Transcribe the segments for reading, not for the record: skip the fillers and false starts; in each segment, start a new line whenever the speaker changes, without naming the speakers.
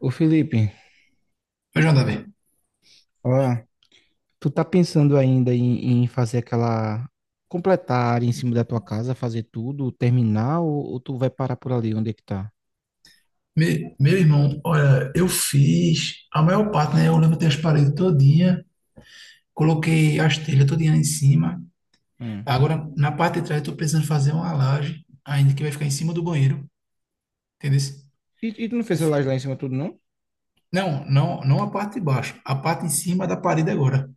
Ô Felipe,
Ô, João Davi,
ah, tu tá pensando ainda em fazer aquela, completar a área em cima da tua casa, fazer tudo, terminar, ou, tu vai parar por ali, onde é que tá?
meu irmão, olha, eu fiz a maior parte, né? Eu lembro levantei as paredes todinha, coloquei as telhas todinha em cima.
Hum.
Agora, na parte de trás, eu tô precisando fazer uma laje, ainda que vai ficar em cima do banheiro, entendeu?
E tu não
É
fez a
fi-
laje lá em cima tudo, não?
Não, não, não a parte de baixo, a parte em cima da parede agora,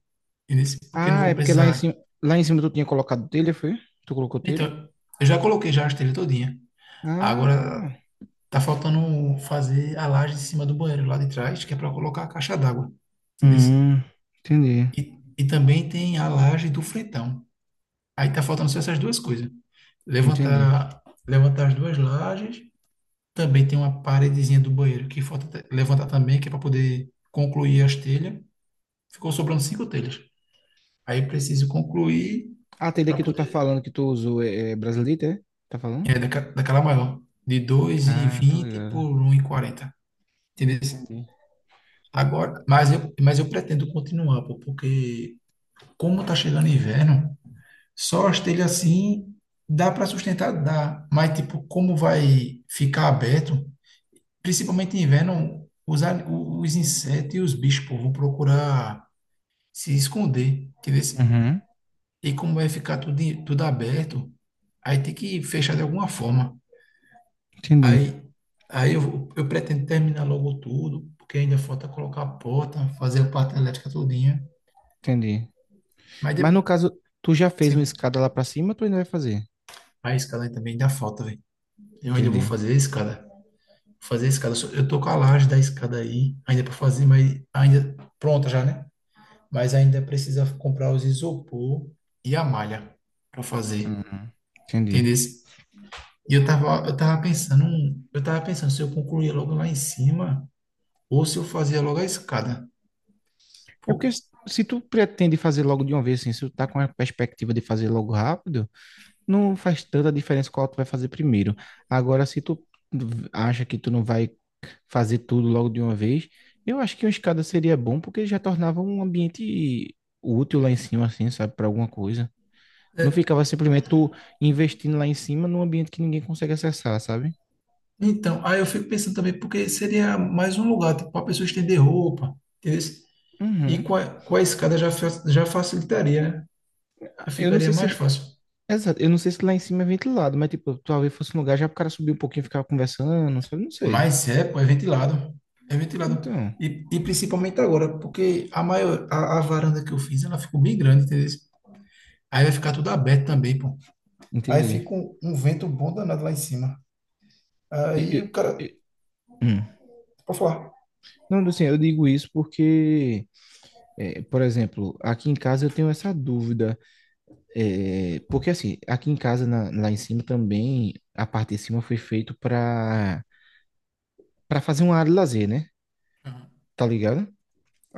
entendeu? Porque não
Ah,
vou
é porque
precisar.
lá em cima tu tinha colocado telha, foi? Tu colocou telha?
Então, eu já coloquei já as telhas todinha. Agora,
Ah,
tá faltando fazer a laje em cima do banheiro lá de trás, que é para colocar a caixa d'água, entendeu?
hum, entendi,
E também tem a laje do Fretão. Aí tá faltando só essas duas coisas.
entendi.
Levantar as duas lajes. Também tem uma paredezinha do banheiro que levantar também, que é para poder concluir as telhas. Ficou sobrando cinco telhas. Aí preciso concluir
A telha
para
que tu tá
poder.
falando que tu usou é brasileira, é? Tá falando?
É, daquela maior. De dois e
Ah, tá
vinte
ligado.
por um e quarenta. Entendeu?
Entendi.
Agora, mas eu pretendo continuar, pô, porque como tá chegando inverno. Só telha assim dá para sustentar, dá. Mas, tipo, como vai ficar aberto, principalmente em inverno, os insetos e os bichos, pô, vão procurar se esconder. Entendeu?
Uhum,
E como vai ficar tudo, tudo aberto, aí tem que fechar de alguma forma.
entendi,
Aí, aí eu pretendo terminar logo tudo, porque ainda falta colocar a porta, fazer a parte elétrica todinha.
entendi.
Mas, de,
Mas no caso, tu já fez uma
sim,
escada lá pra cima, tu ainda vai fazer.
a escada também dá falta, velho. Eu ainda vou
Entendi.
fazer a escada. Fazer a escada. Eu tô com a laje da escada aí, ainda para fazer, mas ainda pronta já, né? Mas ainda precisa comprar os isopor e a malha para fazer,
Uhum. Entendi.
entendeu? E eu tava pensando se eu concluía logo lá em cima ou se eu fazia logo a escada.
É porque
Pô,
se tu pretende fazer logo de uma vez, assim, se tu tá com a perspectiva de fazer logo rápido, não faz tanta diferença qual tu vai fazer primeiro. Agora, se tu acha que tu não vai fazer tudo logo de uma vez, eu acho que uma escada seria bom porque já tornava um ambiente útil lá em cima, assim, sabe, para alguma coisa. Não
é,
ficava simplesmente tu investindo lá em cima num ambiente que ninguém consegue acessar, sabe?
então, aí eu fico pensando também, porque seria mais um lugar, tipo, para a pessoa estender roupa, entendeu? E
Uhum.
com a escada já, já facilitaria, né? Já
Eu não
ficaria
sei se
mais fácil.
exato. Eu não sei se lá em cima é ventilado, mas tipo, talvez fosse um lugar já pro cara subir um pouquinho e ficar conversando, sabe? Não sei.
Mas é, pô, é ventilado. É ventilado.
Então,
E principalmente agora, porque a varanda que eu fiz, ela ficou bem grande, entendeu? Aí vai ficar tudo aberto também, pô. Aí
entendi.
fica um vento bom danado lá em cima.
E-
Aí
e-
o cara,
e- hum.
pode falar.
Não, assim, eu digo isso porque, é, por exemplo, aqui em casa eu tenho essa dúvida. É, porque assim, aqui em casa, lá em cima também, a parte de cima foi feito para fazer uma área de lazer, né? Tá ligado?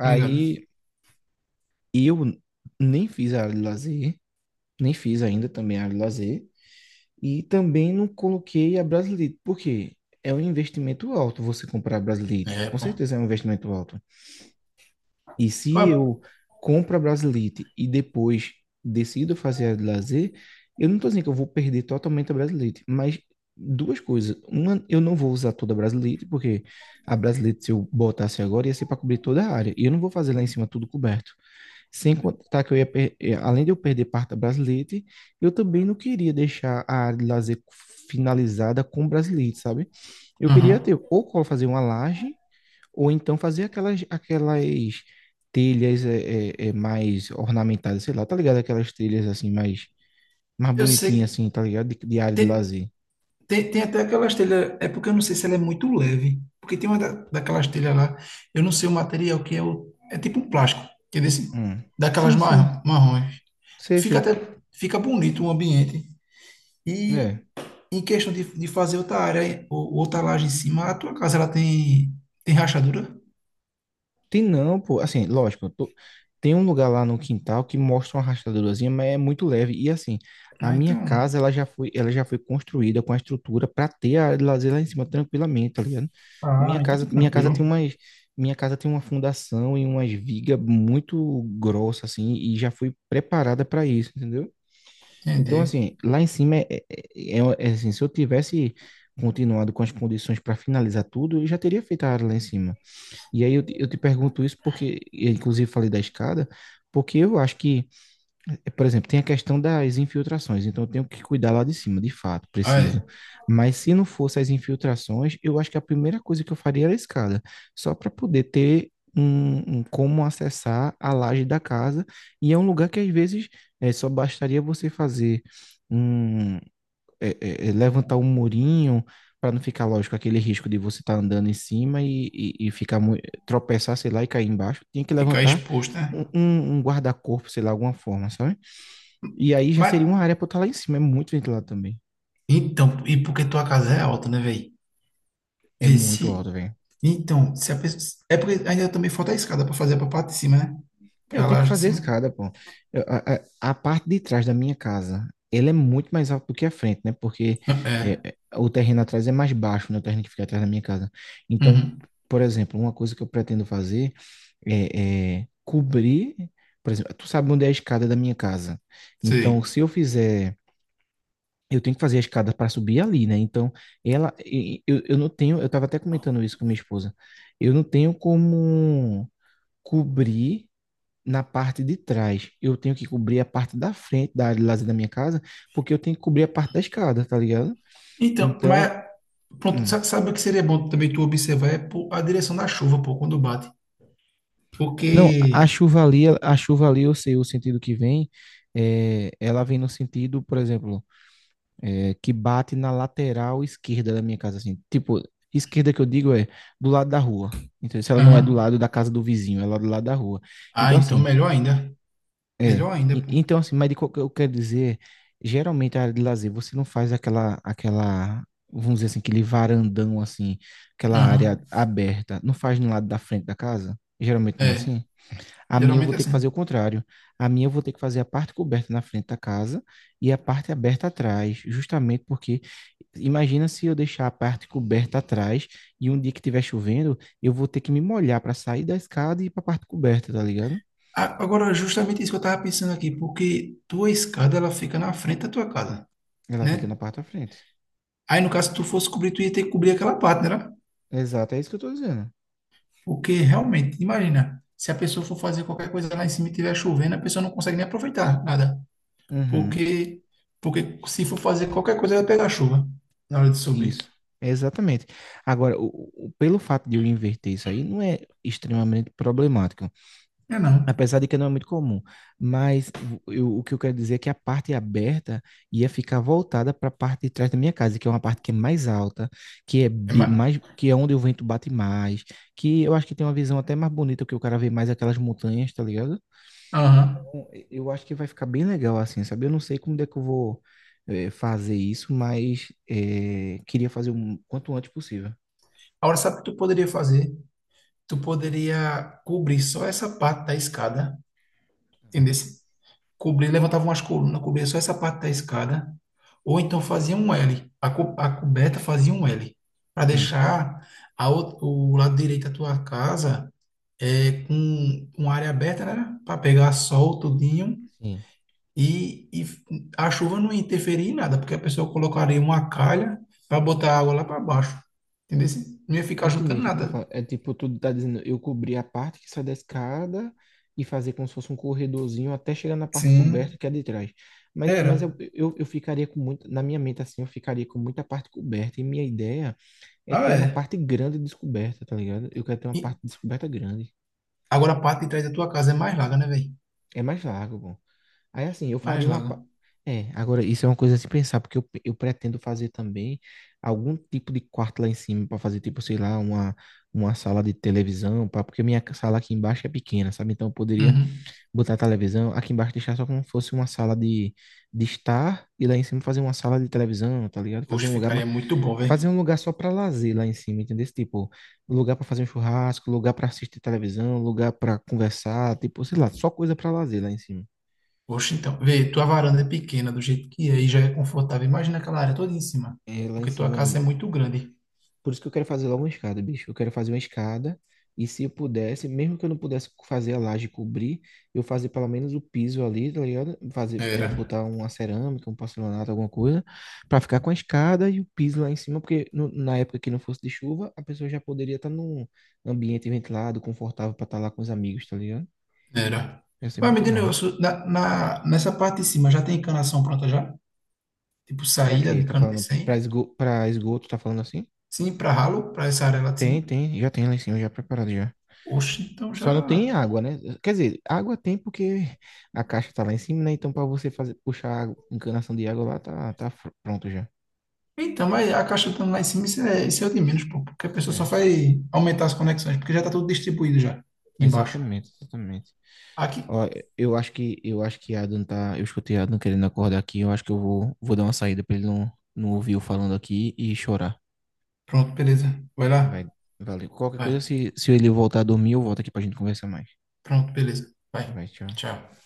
Obrigado.
eu nem fiz a área de lazer, nem fiz ainda também a área de lazer. E também não coloquei a Brasilite, porque é um investimento alto você comprar a Brasilite.
É,
Com
pô.
certeza é um investimento alto. E se
Ah,
eu compro a Brasilite e depois decido fazer a de lazer, eu não estou dizendo que eu vou perder totalmente a Brasilite, mas duas coisas. Uma, eu não vou usar toda a Brasilite, porque a Brasilite, se eu botasse agora, ia ser para cobrir toda a área. E eu não vou fazer lá em cima tudo coberto. Sem contar que eu ia, além de eu perder parte da Brasilite, eu também não queria deixar a área de lazer finalizada com Brasilite, sabe? Eu queria
uhum.
ter ou fazer uma laje, ou então fazer aquelas telhas mais ornamentadas, sei lá, tá ligado? Aquelas telhas assim, mais
Eu sei
bonitinhas
que
assim, tá ligado? De área de
tem,
lazer.
Tem até aquelas telhas, é porque eu não sei se ela é muito leve, porque tem uma daquelas telhas lá, eu não sei o material que é, o, é tipo um plástico, que é desse,
Hum.
daquelas
Sim, sim,
marrons.
sei,
Fica
sei.
até, fica bonito o ambiente. E
É.
em questão de fazer outra área, ou, outra laje em cima, a tua casa ela tem, tem rachadura?
Tem não, pô. Assim, lógico, tem um lugar lá no quintal que mostra uma rachadurazinha, mas é muito leve. E assim, a
Ah,
minha
então,
casa, ela já foi construída com a estrutura para ter a área de lazer lá em cima tranquilamente, tá ligado?
ah, então tá
Minha casa
tranquilo.
tem umas, minha casa tem uma fundação e umas vigas muito grossas assim, e já foi preparada para isso, entendeu? Então,
Entendi.
assim, lá em cima é, assim, se eu tivesse continuado com as condições para finalizar tudo, eu já teria feito a área lá em cima. E aí eu te pergunto isso porque, eu inclusive falei da escada, porque eu acho que, eh, por exemplo, tem a questão das infiltrações, então eu tenho que cuidar lá de cima, de fato,
Ah,
preciso.
é,
Mas se não fosse as infiltrações, eu acho que a primeira coisa que eu faria era a escada, só para poder ter um como acessar a laje da casa, e é um lugar que às vezes eh, só bastaria você fazer um levantar um murinho para não ficar, lógico, aquele risco de você estar andando em cima e tropeçar, sei lá, e cair embaixo. Tinha que
ficar
levantar
exposto, né?
um guarda-corpo, sei lá, alguma forma, sabe? E aí já
Mas,
seria uma área para estar lá em cima. É muito ventilado também.
então, e porque tua casa é alta, né, velho?
É
Vê
muito
se.
alto, velho.
Então, se a pessoa. É porque ainda também falta a escada para fazer para parte de cima, né?
Eu
Para
tenho
lá
que
de
fazer a
cima.
escada, pô. Eu- a, a- a parte de trás da minha casa, ele é muito mais alto do que a frente, né? Porque
É.
o terreno atrás é mais baixo, né? O terreno que fica atrás da minha casa. Então,
Uhum.
por exemplo, uma coisa que eu pretendo fazer é cobrir, por exemplo, tu sabe onde é a escada da minha casa. Então,
Sei.
se eu fizer, eu tenho que fazer a escada para subir ali, né? Então, ela, e- eu não tenho, eu estava até comentando isso com minha esposa, eu não tenho como cobrir na parte de trás. Eu tenho que cobrir a parte da frente da área de lazer da minha casa, porque eu tenho que cobrir a parte da escada, tá ligado?
Então,
Então,
mas pronto,
hum.
sabe o que seria bom também tu observar é pô, a direção da chuva, pô, quando bate.
Não,
Porque.
a chuva ali, eu sei o sentido que vem. É, ela vem no sentido, por exemplo, é, que bate na lateral esquerda da minha casa, assim. Tipo, esquerda que eu digo é do lado da rua. Então, se ela não é do
Aham.
lado da casa do vizinho, ela é do lado da rua.
Ah,
Então,
então
assim,
melhor ainda.
é,
Melhor ainda, pô.
Então assim, mas de qual que eu quero dizer, geralmente a área de lazer, você não faz vamos dizer assim, aquele varandão assim, aquela área
Aham.
aberta, não faz no lado da frente da casa? Geralmente não é
É.
assim? A minha eu vou
Geralmente é
ter que fazer o
assim.
contrário. A minha eu vou ter que fazer a parte coberta na frente da casa e a parte aberta atrás, justamente porque imagina se eu deixar a parte coberta atrás e um dia que estiver chovendo, eu vou ter que me molhar para sair da escada e ir para a parte coberta, tá ligado?
Agora, justamente isso que eu tava pensando aqui, porque tua escada ela fica na frente da tua casa,
Ela fica na
né?
parte da frente.
Aí, no caso, se tu fosse cobrir, tu ia ter que cobrir aquela parte, né?
Exato, é isso que eu tô dizendo.
Porque realmente, imagina, se a pessoa for fazer qualquer coisa lá em cima e estiver chovendo, a pessoa não consegue nem aproveitar nada.
Uhum,
Porque, porque se for fazer qualquer coisa, vai pegar chuva na hora de
isso,
subir.
exatamente. Agora, pelo fato de eu inverter isso aí, não é extremamente problemático,
É não.
apesar de que não é muito comum. Mas o que eu quero dizer é que a parte aberta ia ficar voltada para a parte de trás da minha casa, que é uma parte que é mais alta, que é
É ma...
que é onde o vento bate mais, que eu acho que tem uma visão até mais bonita, que o cara vê mais aquelas montanhas, tá ligado?
Aham.
Bom, eu acho que vai ficar bem legal assim, sabe? Eu não sei como é que eu vou eh, fazer isso, mas eh, queria fazer o quanto antes possível.
Agora, sabe o que tu poderia fazer? Tu poderia cobrir só essa parte da escada, entendeu? Cobrir, levantava umas colunas, cobria só essa parte da escada. Ou então fazia um L. A coberta fazia um L. Para
Hum,
deixar a, ou- o lado direito da tua casa é, com área aberta, né? Para pegar sol, tudinho.
sim.
E a chuva não ia interferir em nada, porque a pessoa colocaria uma calha para botar a água lá para baixo. Entendeu? Assim, não ia ficar
Entendi o
juntando
que tu tá
nada.
falando. É tipo, tu tá dizendo, eu cobrir a parte que sai da escada e fazer como se fosse um corredorzinho até chegar na parte coberta
Sim,
que é de trás. Mas,
era.
eu ficaria com muito, na minha mente assim, eu ficaria com muita parte coberta. E minha ideia é ter
Ah,
uma
é.
parte grande descoberta, tá ligado? Eu quero ter uma
E
parte descoberta grande.
agora a parte de trás da tua casa é mais larga, né, velho?
É mais vago, bom. Aí assim, eu
Mais
faria uma.
larga.
Pa- é, agora isso é uma coisa a se pensar, porque eu pretendo fazer também algum tipo de quarto lá em cima para fazer, tipo, sei lá, uma sala de televisão, pra, porque sala aqui embaixo é pequena, sabe? Então eu poderia
Uhum.
botar a televisão aqui embaixo, deixar só como se fosse uma sala de estar e lá em cima fazer uma sala de televisão, tá ligado?
Oxe, ficaria muito bom,
Fazer
velho.
um lugar só para lazer lá em cima, entendeu? Esse tipo, lugar para fazer um churrasco, lugar para assistir televisão, lugar para conversar, tipo, sei lá, só coisa para lazer lá em cima.
Oxe, então. Vê, tua varanda é pequena do jeito que é e já é confortável. Imagina aquela área toda em cima,
É, lá em
porque tua
cima.
casa é muito grande.
Por isso que eu quero fazer logo uma escada, bicho. Eu quero fazer uma escada. E se eu pudesse, mesmo que eu não pudesse fazer a laje cobrir, eu fazer pelo menos o piso ali, tá ligado? Fazer, é,
Era.
botar uma cerâmica, um porcelanato, alguma coisa, pra ficar com a escada e o piso lá em cima, porque na época que não fosse de chuva, a pessoa já poderia estar num ambiente ventilado, confortável pra estar lá com os amigos, tá ligado?
Era.
Ia ser
Vai, me
muito
diz um
massa.
negócio, nessa parte de cima já tem encanação pronta já? Tipo
Pra
saída
quê?
de
Tá
cano de
falando
100?
pra esgoto, tá falando assim?
Sim, para ralo, para essa área lá de
Tem,
cima?
tem, já tem lá em cima, já preparado já.
Oxe, então já.
Só não tem água, né? Quer dizer, água tem porque a caixa tá lá em cima, né? Então, para você fazer, encanação de água lá, pronto já.
Então, mas a caixa estando lá em cima, isso é o de menos, pô, porque a pessoa só
É,
vai aumentar as conexões, porque já tá tudo distribuído já, embaixo.
exatamente,
Aqui.
Ó, eu acho que Adam tá, eu escutei Adam querendo acordar aqui, eu acho que vou dar uma saída para ele não ouvir eu falando aqui e chorar.
Pronto, beleza. Vai lá.
Vai, valeu. Qualquer coisa,
Vai.
se ele voltar a dormir, eu volto aqui pra gente conversar mais.
Pronto, beleza. Vai.
Vai, tchau.
Tchau.